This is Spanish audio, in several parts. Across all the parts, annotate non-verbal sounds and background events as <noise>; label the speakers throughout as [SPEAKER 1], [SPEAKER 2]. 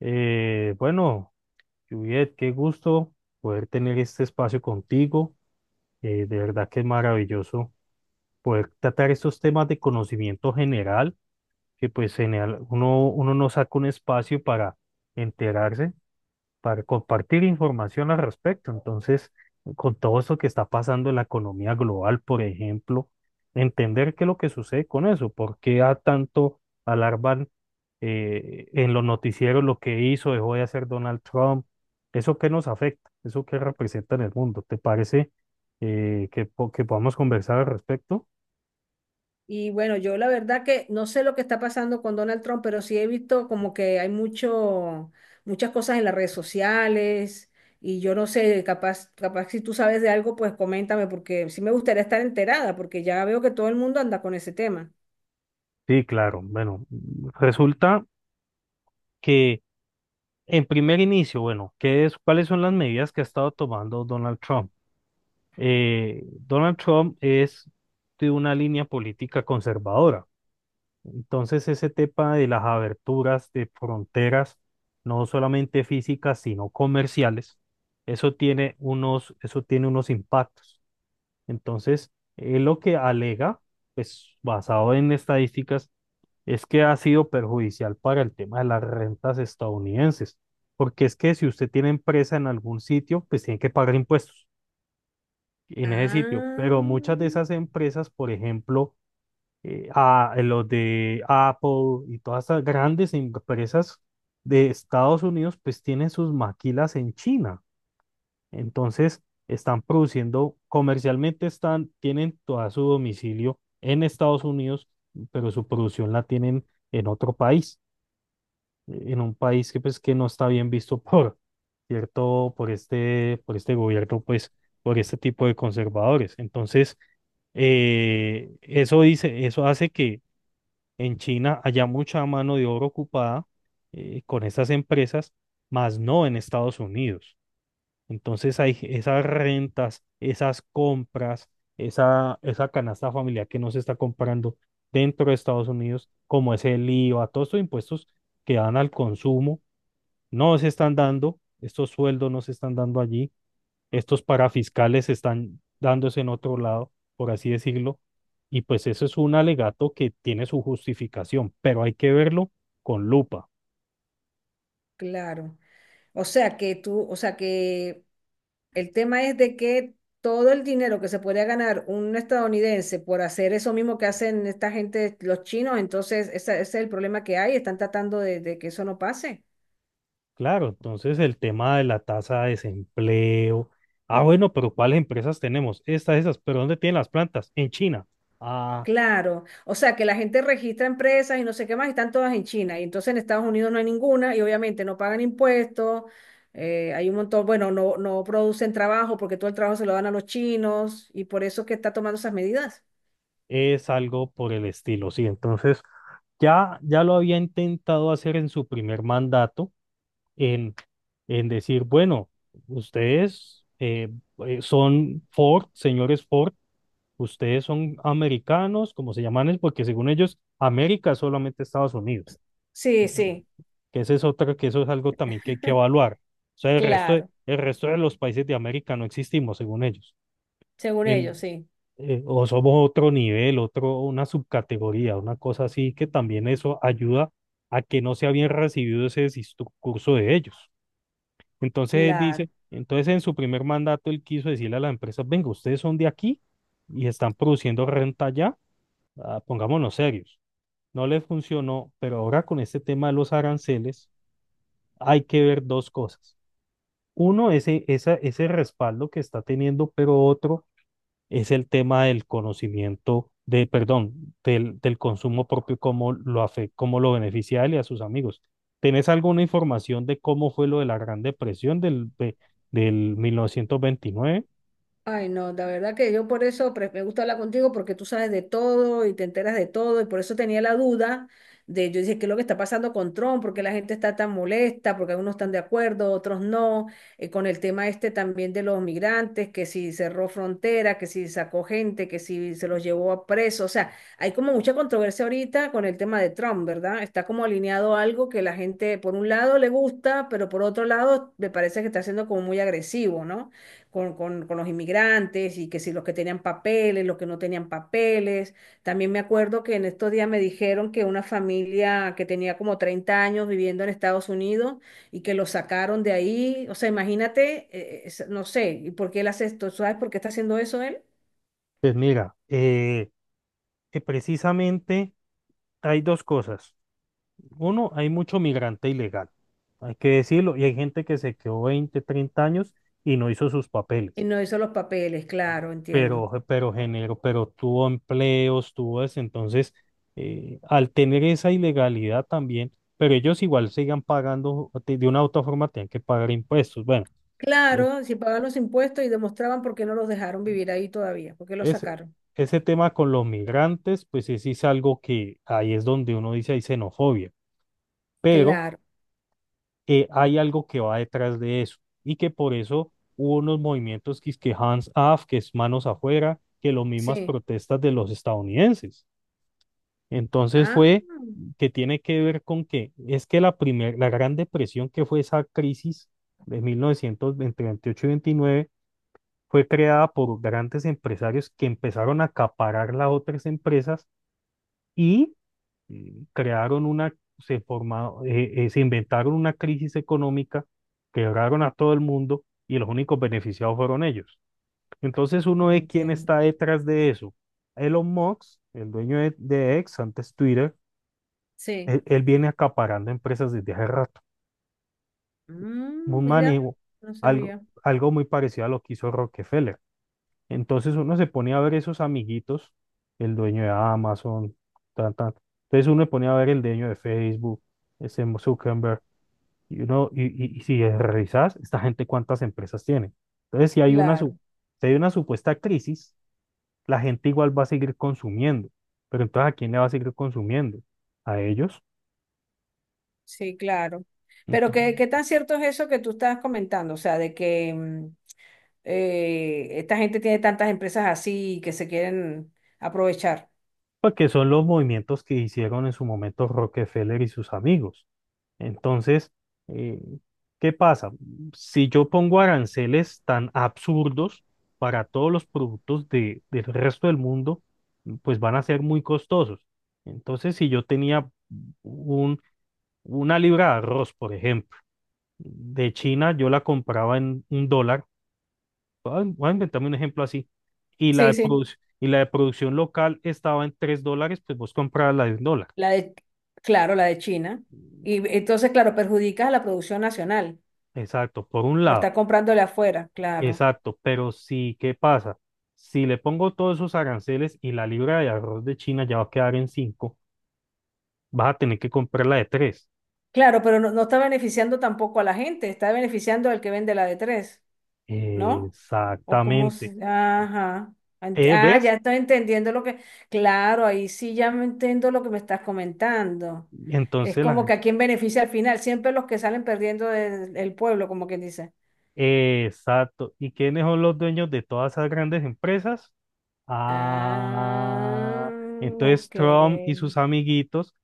[SPEAKER 1] Bueno, Juliet, qué gusto poder tener este espacio contigo. De verdad que es maravilloso poder tratar estos temas de conocimiento general, que pues uno no saca un espacio para enterarse para compartir información al respecto. Entonces, con todo eso que está pasando en la economía global, por ejemplo, entender qué es lo que sucede con eso, por qué a tanto alarman en los noticieros lo que hizo, dejó de hacer Donald Trump, eso que nos afecta, eso que representa en el mundo. ¿Te parece que podamos conversar al respecto?
[SPEAKER 2] Y bueno, yo la verdad que no sé lo que está pasando con Donald Trump, pero sí he visto como que hay muchas cosas en las redes sociales y yo no sé, capaz si tú sabes de algo, pues coméntame porque sí me gustaría estar enterada porque ya veo que todo el mundo anda con ese tema.
[SPEAKER 1] Sí, claro. Bueno, resulta que en primer inicio, bueno, ¿qué es, cuáles son las medidas que ha estado tomando Donald Trump? Donald Trump es de una línea política conservadora. Entonces, ese tema de las aberturas de fronteras, no solamente físicas, sino comerciales, eso tiene unos impactos. Entonces, él lo que alega, pues basado en estadísticas, es que ha sido perjudicial para el tema de las rentas estadounidenses, porque es que si usted tiene empresa en algún sitio, pues tiene que pagar impuestos en ese sitio, pero muchas de
[SPEAKER 2] Ah,
[SPEAKER 1] esas empresas, por ejemplo, los de Apple y todas esas grandes empresas de Estados Unidos, pues tienen sus maquilas en China. Entonces, están produciendo, comercialmente están, tienen todo su domicilio en Estados Unidos, pero su producción la tienen en otro país, en un país que pues que no está bien visto por cierto, por este gobierno, pues por este tipo de conservadores. Entonces, eso dice, eso hace que en China haya mucha mano de obra ocupada, con estas empresas, más no en Estados Unidos. Entonces hay esas rentas, esas compras, esa canasta familiar que no se está comprando dentro de Estados Unidos, como es el IVA, todos estos impuestos que dan al consumo no se están dando, estos sueldos no se están dando allí, estos parafiscales están dándose en otro lado, por así decirlo, y pues eso es un alegato que tiene su justificación, pero hay que verlo con lupa.
[SPEAKER 2] claro. O sea que tú, o sea que el tema es de que todo el dinero que se podría ganar un estadounidense por hacer eso mismo que hacen esta gente, los chinos, entonces es el problema que hay, están tratando de que eso no pase.
[SPEAKER 1] Claro, entonces el tema de la tasa de desempleo. Ah, bueno, pero ¿cuáles empresas tenemos? Estas, esas, pero ¿dónde tienen las plantas? En China. Ah,
[SPEAKER 2] Claro, o sea que la gente registra empresas y no sé qué más, y están todas en China, y entonces en Estados Unidos no hay ninguna, y obviamente no pagan impuestos, hay un montón, bueno, no, no producen trabajo porque todo el trabajo se lo dan a los chinos, y por eso es que está tomando esas medidas.
[SPEAKER 1] es algo por el estilo, sí. Entonces, ya lo había intentado hacer en su primer mandato, en, en decir, bueno, ustedes son Ford, señores Ford, ustedes son americanos, como se llaman, es porque según ellos, América es solamente Estados Unidos,
[SPEAKER 2] Sí, sí.
[SPEAKER 1] que esa es otra, que eso es algo también que hay que
[SPEAKER 2] <laughs>
[SPEAKER 1] evaluar. O sea, el resto de,
[SPEAKER 2] Claro,
[SPEAKER 1] el resto de los países de América no existimos, según ellos.
[SPEAKER 2] según ellos,
[SPEAKER 1] En,
[SPEAKER 2] sí,
[SPEAKER 1] o somos otro nivel, una subcategoría, una cosa así, que también eso ayuda a que no sea bien recibido ese discurso de ellos. Entonces él
[SPEAKER 2] claro.
[SPEAKER 1] dice, entonces en su primer mandato él quiso decirle a las empresas, venga, ustedes son de aquí y están produciendo renta allá, ah, pongámonos serios. No les funcionó, pero ahora con este tema de los aranceles hay que ver dos cosas. Uno, ese, esa, ese respaldo que está teniendo, pero otro es el tema del conocimiento, de, perdón, del, del consumo propio, cómo lo afecta, cómo lo beneficia a él y a sus amigos. ¿Tenés alguna información de cómo fue lo de la Gran Depresión del 1929?
[SPEAKER 2] Ay, no, la verdad que yo por eso me gusta hablar contigo porque tú sabes de todo y te enteras de todo y por eso tenía la duda de, yo dije, ¿qué es lo que está pasando con Trump? ¿Por qué la gente está tan molesta? Porque algunos están de acuerdo, otros no. Con el tema este también de los migrantes, que si cerró frontera, que si sacó gente, que si se los llevó a preso. O sea, hay como mucha controversia ahorita con el tema de Trump, ¿verdad? Está como alineado a algo que la gente por un lado le gusta, pero por otro lado me parece que está siendo como muy agresivo, ¿no? con los inmigrantes y que si los que tenían papeles, los que no tenían papeles. También me acuerdo que en estos días me dijeron que una familia que tenía como 30 años viviendo en Estados Unidos y que lo sacaron de ahí. O sea, imagínate, no sé, ¿y por qué él hace esto? ¿Sabes por qué está haciendo eso él?
[SPEAKER 1] Pues mira, que precisamente hay dos cosas. Uno, hay mucho migrante ilegal, hay que decirlo, y hay gente que se quedó 20 30 años y no hizo sus
[SPEAKER 2] Y
[SPEAKER 1] papeles.
[SPEAKER 2] no hizo los papeles, claro, entiendo.
[SPEAKER 1] Pero tuvo empleos, tuvo eso. Entonces, al tener esa ilegalidad también, pero ellos igual sigan pagando, de una u otra forma tienen que pagar impuestos. Bueno, eh,
[SPEAKER 2] Claro, si pagaban los impuestos y demostraban por qué no los dejaron vivir ahí todavía, por qué los
[SPEAKER 1] ese,
[SPEAKER 2] sacaron.
[SPEAKER 1] ese tema con los migrantes, pues ese sí es algo que ahí es donde uno dice hay xenofobia, pero
[SPEAKER 2] Claro,
[SPEAKER 1] hay algo que va detrás de eso y que por eso hubo unos movimientos que es que hands off, que es manos afuera, que las mismas
[SPEAKER 2] sí.
[SPEAKER 1] protestas de los estadounidenses. Entonces
[SPEAKER 2] Ah,
[SPEAKER 1] fue que tiene que ver con que es que la Gran Depresión, que fue esa crisis de 1900 entre 28 y 29 fue creada por grandes empresarios que empezaron a acaparar las otras empresas y, crearon una, se formaron, se inventaron una crisis económica, quebraron a todo el mundo y los únicos beneficiados fueron ellos. Entonces uno ve quién
[SPEAKER 2] entiendo.
[SPEAKER 1] está detrás de eso. Elon Musk, el dueño de X, antes Twitter,
[SPEAKER 2] Sí.
[SPEAKER 1] él viene acaparando empresas desde hace rato.
[SPEAKER 2] Mm,
[SPEAKER 1] Un
[SPEAKER 2] mira,
[SPEAKER 1] manejo,
[SPEAKER 2] no
[SPEAKER 1] algo,
[SPEAKER 2] sabía.
[SPEAKER 1] algo muy parecido a lo que hizo Rockefeller. Entonces uno se pone a ver esos amiguitos, el dueño de Amazon, tan, tan. Entonces uno se pone a ver el dueño de Facebook, ese Zuckerberg, y uno, y si revisas, esta gente cuántas empresas tiene. Entonces,
[SPEAKER 2] Claro,
[SPEAKER 1] si hay una supuesta crisis, la gente igual va a seguir consumiendo. Pero entonces, ¿a quién le va a seguir consumiendo? ¿A ellos?
[SPEAKER 2] sí, claro. Pero
[SPEAKER 1] Entonces,
[SPEAKER 2] ¿qué, qué tan cierto es eso que tú estás comentando? O sea, de que esta gente tiene tantas empresas así que se quieren aprovechar.
[SPEAKER 1] porque son los movimientos que hicieron en su momento Rockefeller y sus amigos. Entonces, eh, ¿qué pasa? Si yo pongo aranceles tan absurdos para todos los productos del resto del mundo, pues van a ser muy costosos. Entonces, si yo tenía un, una libra de arroz, por ejemplo, de China, yo la compraba en un dólar, voy a inventarme un ejemplo así, y
[SPEAKER 2] Sí, sí.
[SPEAKER 1] y la de producción local estaba en 3 dólares, pues vos comprabas la de un dólar.
[SPEAKER 2] La de, claro, la de China. Y entonces, claro, perjudicas a la producción nacional
[SPEAKER 1] Exacto, por un
[SPEAKER 2] por estar
[SPEAKER 1] lado,
[SPEAKER 2] comprándole afuera, claro.
[SPEAKER 1] exacto, pero si, ¿qué pasa? Si le pongo todos esos aranceles y la libra de arroz de China ya va a quedar en cinco, vas a tener que comprarla de tres.
[SPEAKER 2] Claro, pero no, no está beneficiando tampoco a la gente, está beneficiando al que vende la de tres. ¿No? O cómo
[SPEAKER 1] Exactamente.
[SPEAKER 2] se... Ajá. Ah,
[SPEAKER 1] ¿Ves?
[SPEAKER 2] ya estoy entendiendo lo que... Claro, ahí sí ya me entiendo lo que me estás comentando. Es
[SPEAKER 1] Entonces
[SPEAKER 2] como
[SPEAKER 1] la...
[SPEAKER 2] que a quién beneficia al final, siempre los que salen perdiendo del el pueblo, como quien dice.
[SPEAKER 1] Exacto. ¿Y quiénes son los dueños de todas esas grandes empresas?
[SPEAKER 2] Ah,
[SPEAKER 1] Ah, entonces
[SPEAKER 2] ok.
[SPEAKER 1] Trump y sus amiguitos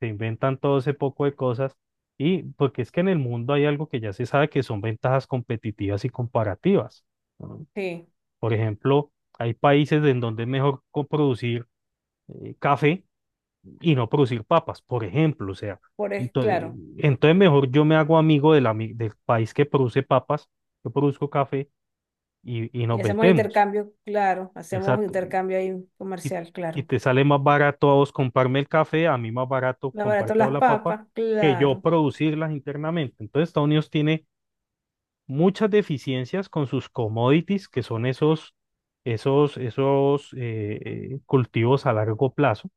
[SPEAKER 1] se inventan todo ese poco de cosas y porque es que en el mundo hay algo que ya se sabe que son ventajas competitivas y comparativas. ¿No?
[SPEAKER 2] Sí,
[SPEAKER 1] Por ejemplo, hay países en donde es mejor producir café y no producir papas, por ejemplo, o sea,
[SPEAKER 2] por es
[SPEAKER 1] entonces,
[SPEAKER 2] claro.
[SPEAKER 1] entonces mejor yo me hago amigo del país que produce papas, yo produzco café y
[SPEAKER 2] Y
[SPEAKER 1] nos
[SPEAKER 2] hacemos
[SPEAKER 1] vendemos.
[SPEAKER 2] intercambio, claro. Hacemos
[SPEAKER 1] Exacto.
[SPEAKER 2] intercambio ahí
[SPEAKER 1] Y,
[SPEAKER 2] comercial,
[SPEAKER 1] y
[SPEAKER 2] claro.
[SPEAKER 1] te sale más barato a vos comprarme el café, a mí más barato
[SPEAKER 2] Más barato
[SPEAKER 1] comprarte o
[SPEAKER 2] las
[SPEAKER 1] la papa,
[SPEAKER 2] papas,
[SPEAKER 1] que yo
[SPEAKER 2] claro.
[SPEAKER 1] producirlas internamente. Entonces, Estados Unidos tiene muchas deficiencias con sus commodities, que son esos cultivos a largo plazo,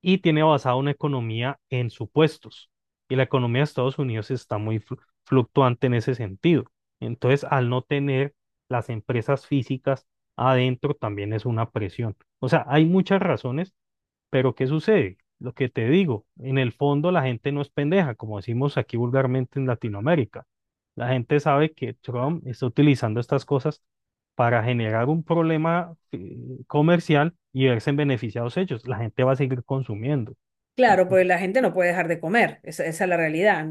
[SPEAKER 1] y tiene basada una economía en supuestos. Y la economía de Estados Unidos está muy fluctuante en ese sentido. Entonces, al no tener las empresas físicas adentro, también es una presión. O sea, hay muchas razones, pero ¿qué sucede? Lo que te digo, en el fondo la gente no es pendeja, como decimos aquí vulgarmente en Latinoamérica. La gente sabe que Trump está utilizando estas cosas para generar un problema, comercial y verse beneficiados ellos. La gente va a seguir consumiendo.
[SPEAKER 2] Claro, pues la gente no puede dejar de comer, esa es la realidad.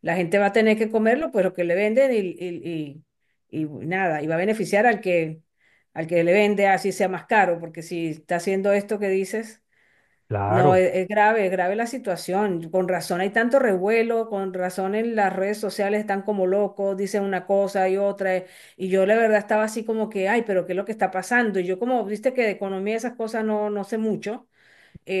[SPEAKER 2] La gente va a tener que comerlo, pues lo que le venden y nada, y va a beneficiar al que le vende, así sea más caro, porque si está haciendo esto que dices, no,
[SPEAKER 1] Claro.
[SPEAKER 2] es grave la situación. Con razón hay tanto revuelo, con razón en las redes sociales están como locos, dicen una cosa y otra, y yo la verdad estaba así como que, ay, pero ¿qué es lo que está pasando? Y yo como, viste que de economía y esas cosas no, no sé mucho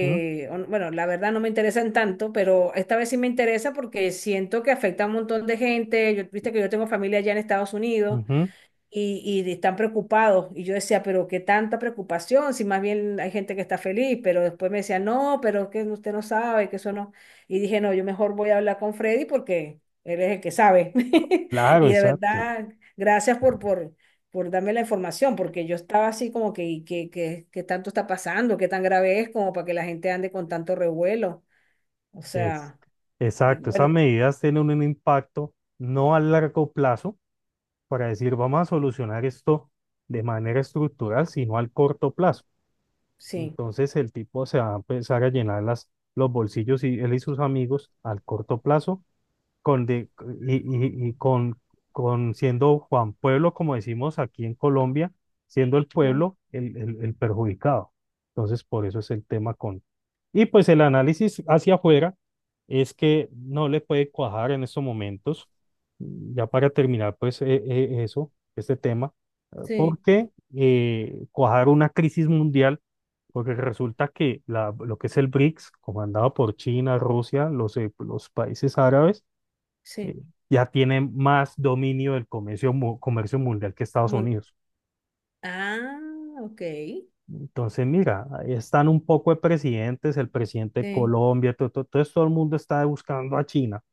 [SPEAKER 1] ¿No?
[SPEAKER 2] o- no, bueno, la verdad no me interesan tanto, pero esta vez sí me interesa porque siento que afecta a un montón de gente. Yo, viste que yo tengo familia allá en Estados Unidos
[SPEAKER 1] Ujú.
[SPEAKER 2] y están preocupados. Y yo decía, pero qué tanta preocupación, si más bien hay gente que está feliz, pero después me decía, no, pero es que usted no sabe, que eso no. Y dije, no, yo mejor voy a hablar con Freddy porque él es el que sabe. <laughs>
[SPEAKER 1] Claro,
[SPEAKER 2] Y de
[SPEAKER 1] exacto.
[SPEAKER 2] verdad, gracias por darme la información, porque yo estaba así como que, ¿y qué tanto está pasando? ¿Qué tan grave es como para que la gente ande con tanto revuelo? O
[SPEAKER 1] Es,
[SPEAKER 2] sea, y
[SPEAKER 1] exacto. Esas
[SPEAKER 2] bueno,
[SPEAKER 1] medidas tienen un impacto no a largo plazo para decir vamos a solucionar esto de manera estructural, sino al corto plazo.
[SPEAKER 2] sí.
[SPEAKER 1] Entonces el tipo se va a empezar a llenar las, los bolsillos y él y sus amigos al corto plazo con de- y con siendo Juan Pueblo, como decimos aquí en Colombia, siendo el
[SPEAKER 2] Mm.
[SPEAKER 1] pueblo el perjudicado. Entonces, por eso es el tema con... Y pues el análisis hacia afuera es que no le puede cuajar en estos momentos, ya para terminar, pues eso, este tema,
[SPEAKER 2] Sí,
[SPEAKER 1] porque cuajar una crisis mundial, porque resulta que lo que es el BRICS, comandado por China, Rusia, los países árabes,
[SPEAKER 2] sí.
[SPEAKER 1] eh, ya tiene más dominio del comercio, comercio mundial que Estados
[SPEAKER 2] Mun-
[SPEAKER 1] Unidos.
[SPEAKER 2] Ah, ok.
[SPEAKER 1] Entonces, mira, ahí están un poco de presidentes, el presidente de
[SPEAKER 2] Sí.
[SPEAKER 1] Colombia, todo, todo, entonces todo el mundo está buscando a China,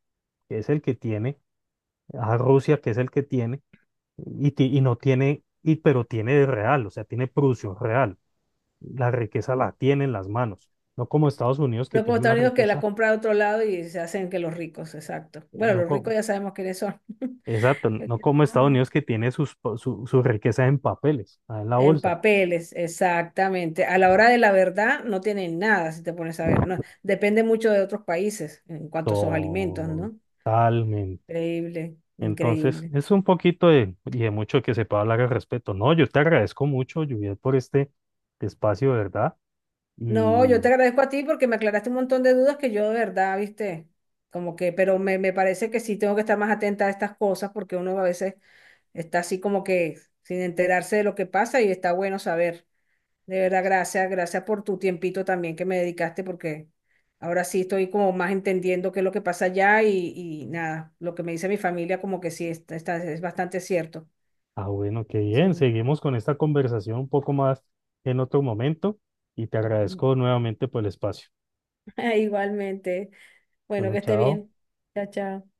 [SPEAKER 1] que es el que tiene, a Rusia, que es el que tiene, y no tiene, pero tiene de real, o sea, tiene producción real. La riqueza la tiene en las manos, no como Estados Unidos que
[SPEAKER 2] No como
[SPEAKER 1] tiene la
[SPEAKER 2] Estados Unidos que la
[SPEAKER 1] riqueza,
[SPEAKER 2] compra de otro lado y se hacen que los ricos, exacto.
[SPEAKER 1] eh,
[SPEAKER 2] Bueno,
[SPEAKER 1] no
[SPEAKER 2] los ricos
[SPEAKER 1] como,
[SPEAKER 2] ya sabemos quiénes son.
[SPEAKER 1] exacto, no como Estados
[SPEAKER 2] <laughs>
[SPEAKER 1] Unidos que tiene su riqueza en papeles, en la
[SPEAKER 2] En
[SPEAKER 1] bolsa.
[SPEAKER 2] papeles, exactamente. A la hora de la verdad no tienen nada, si te pones a ver. No, depende mucho de otros países en cuanto a sus alimentos, ¿no?
[SPEAKER 1] Totalmente.
[SPEAKER 2] Increíble,
[SPEAKER 1] Entonces,
[SPEAKER 2] increíble.
[SPEAKER 1] es un poquito de, y de mucho que se pueda hablar al respecto. No, yo te agradezco mucho, Juliet, por este espacio, de ¿Verdad?
[SPEAKER 2] No, yo
[SPEAKER 1] Y,
[SPEAKER 2] te agradezco a ti porque me aclaraste un montón de dudas que yo de verdad, viste, como que, pero me parece que sí tengo que estar más atenta a estas cosas porque uno a veces está así como que sin enterarse de lo que pasa y está bueno saber. De verdad, gracias, gracias por tu tiempito también que me dedicaste porque ahora sí estoy como más entendiendo qué es lo que pasa allá y nada, lo que me dice mi familia como que sí, es bastante cierto.
[SPEAKER 1] bueno, qué bien.
[SPEAKER 2] Sí.
[SPEAKER 1] Seguimos con esta conversación un poco más en otro momento y te agradezco
[SPEAKER 2] <laughs>
[SPEAKER 1] nuevamente por el espacio.
[SPEAKER 2] Igualmente. Bueno,
[SPEAKER 1] Bueno,
[SPEAKER 2] que esté
[SPEAKER 1] chao.
[SPEAKER 2] bien. Chao, chao.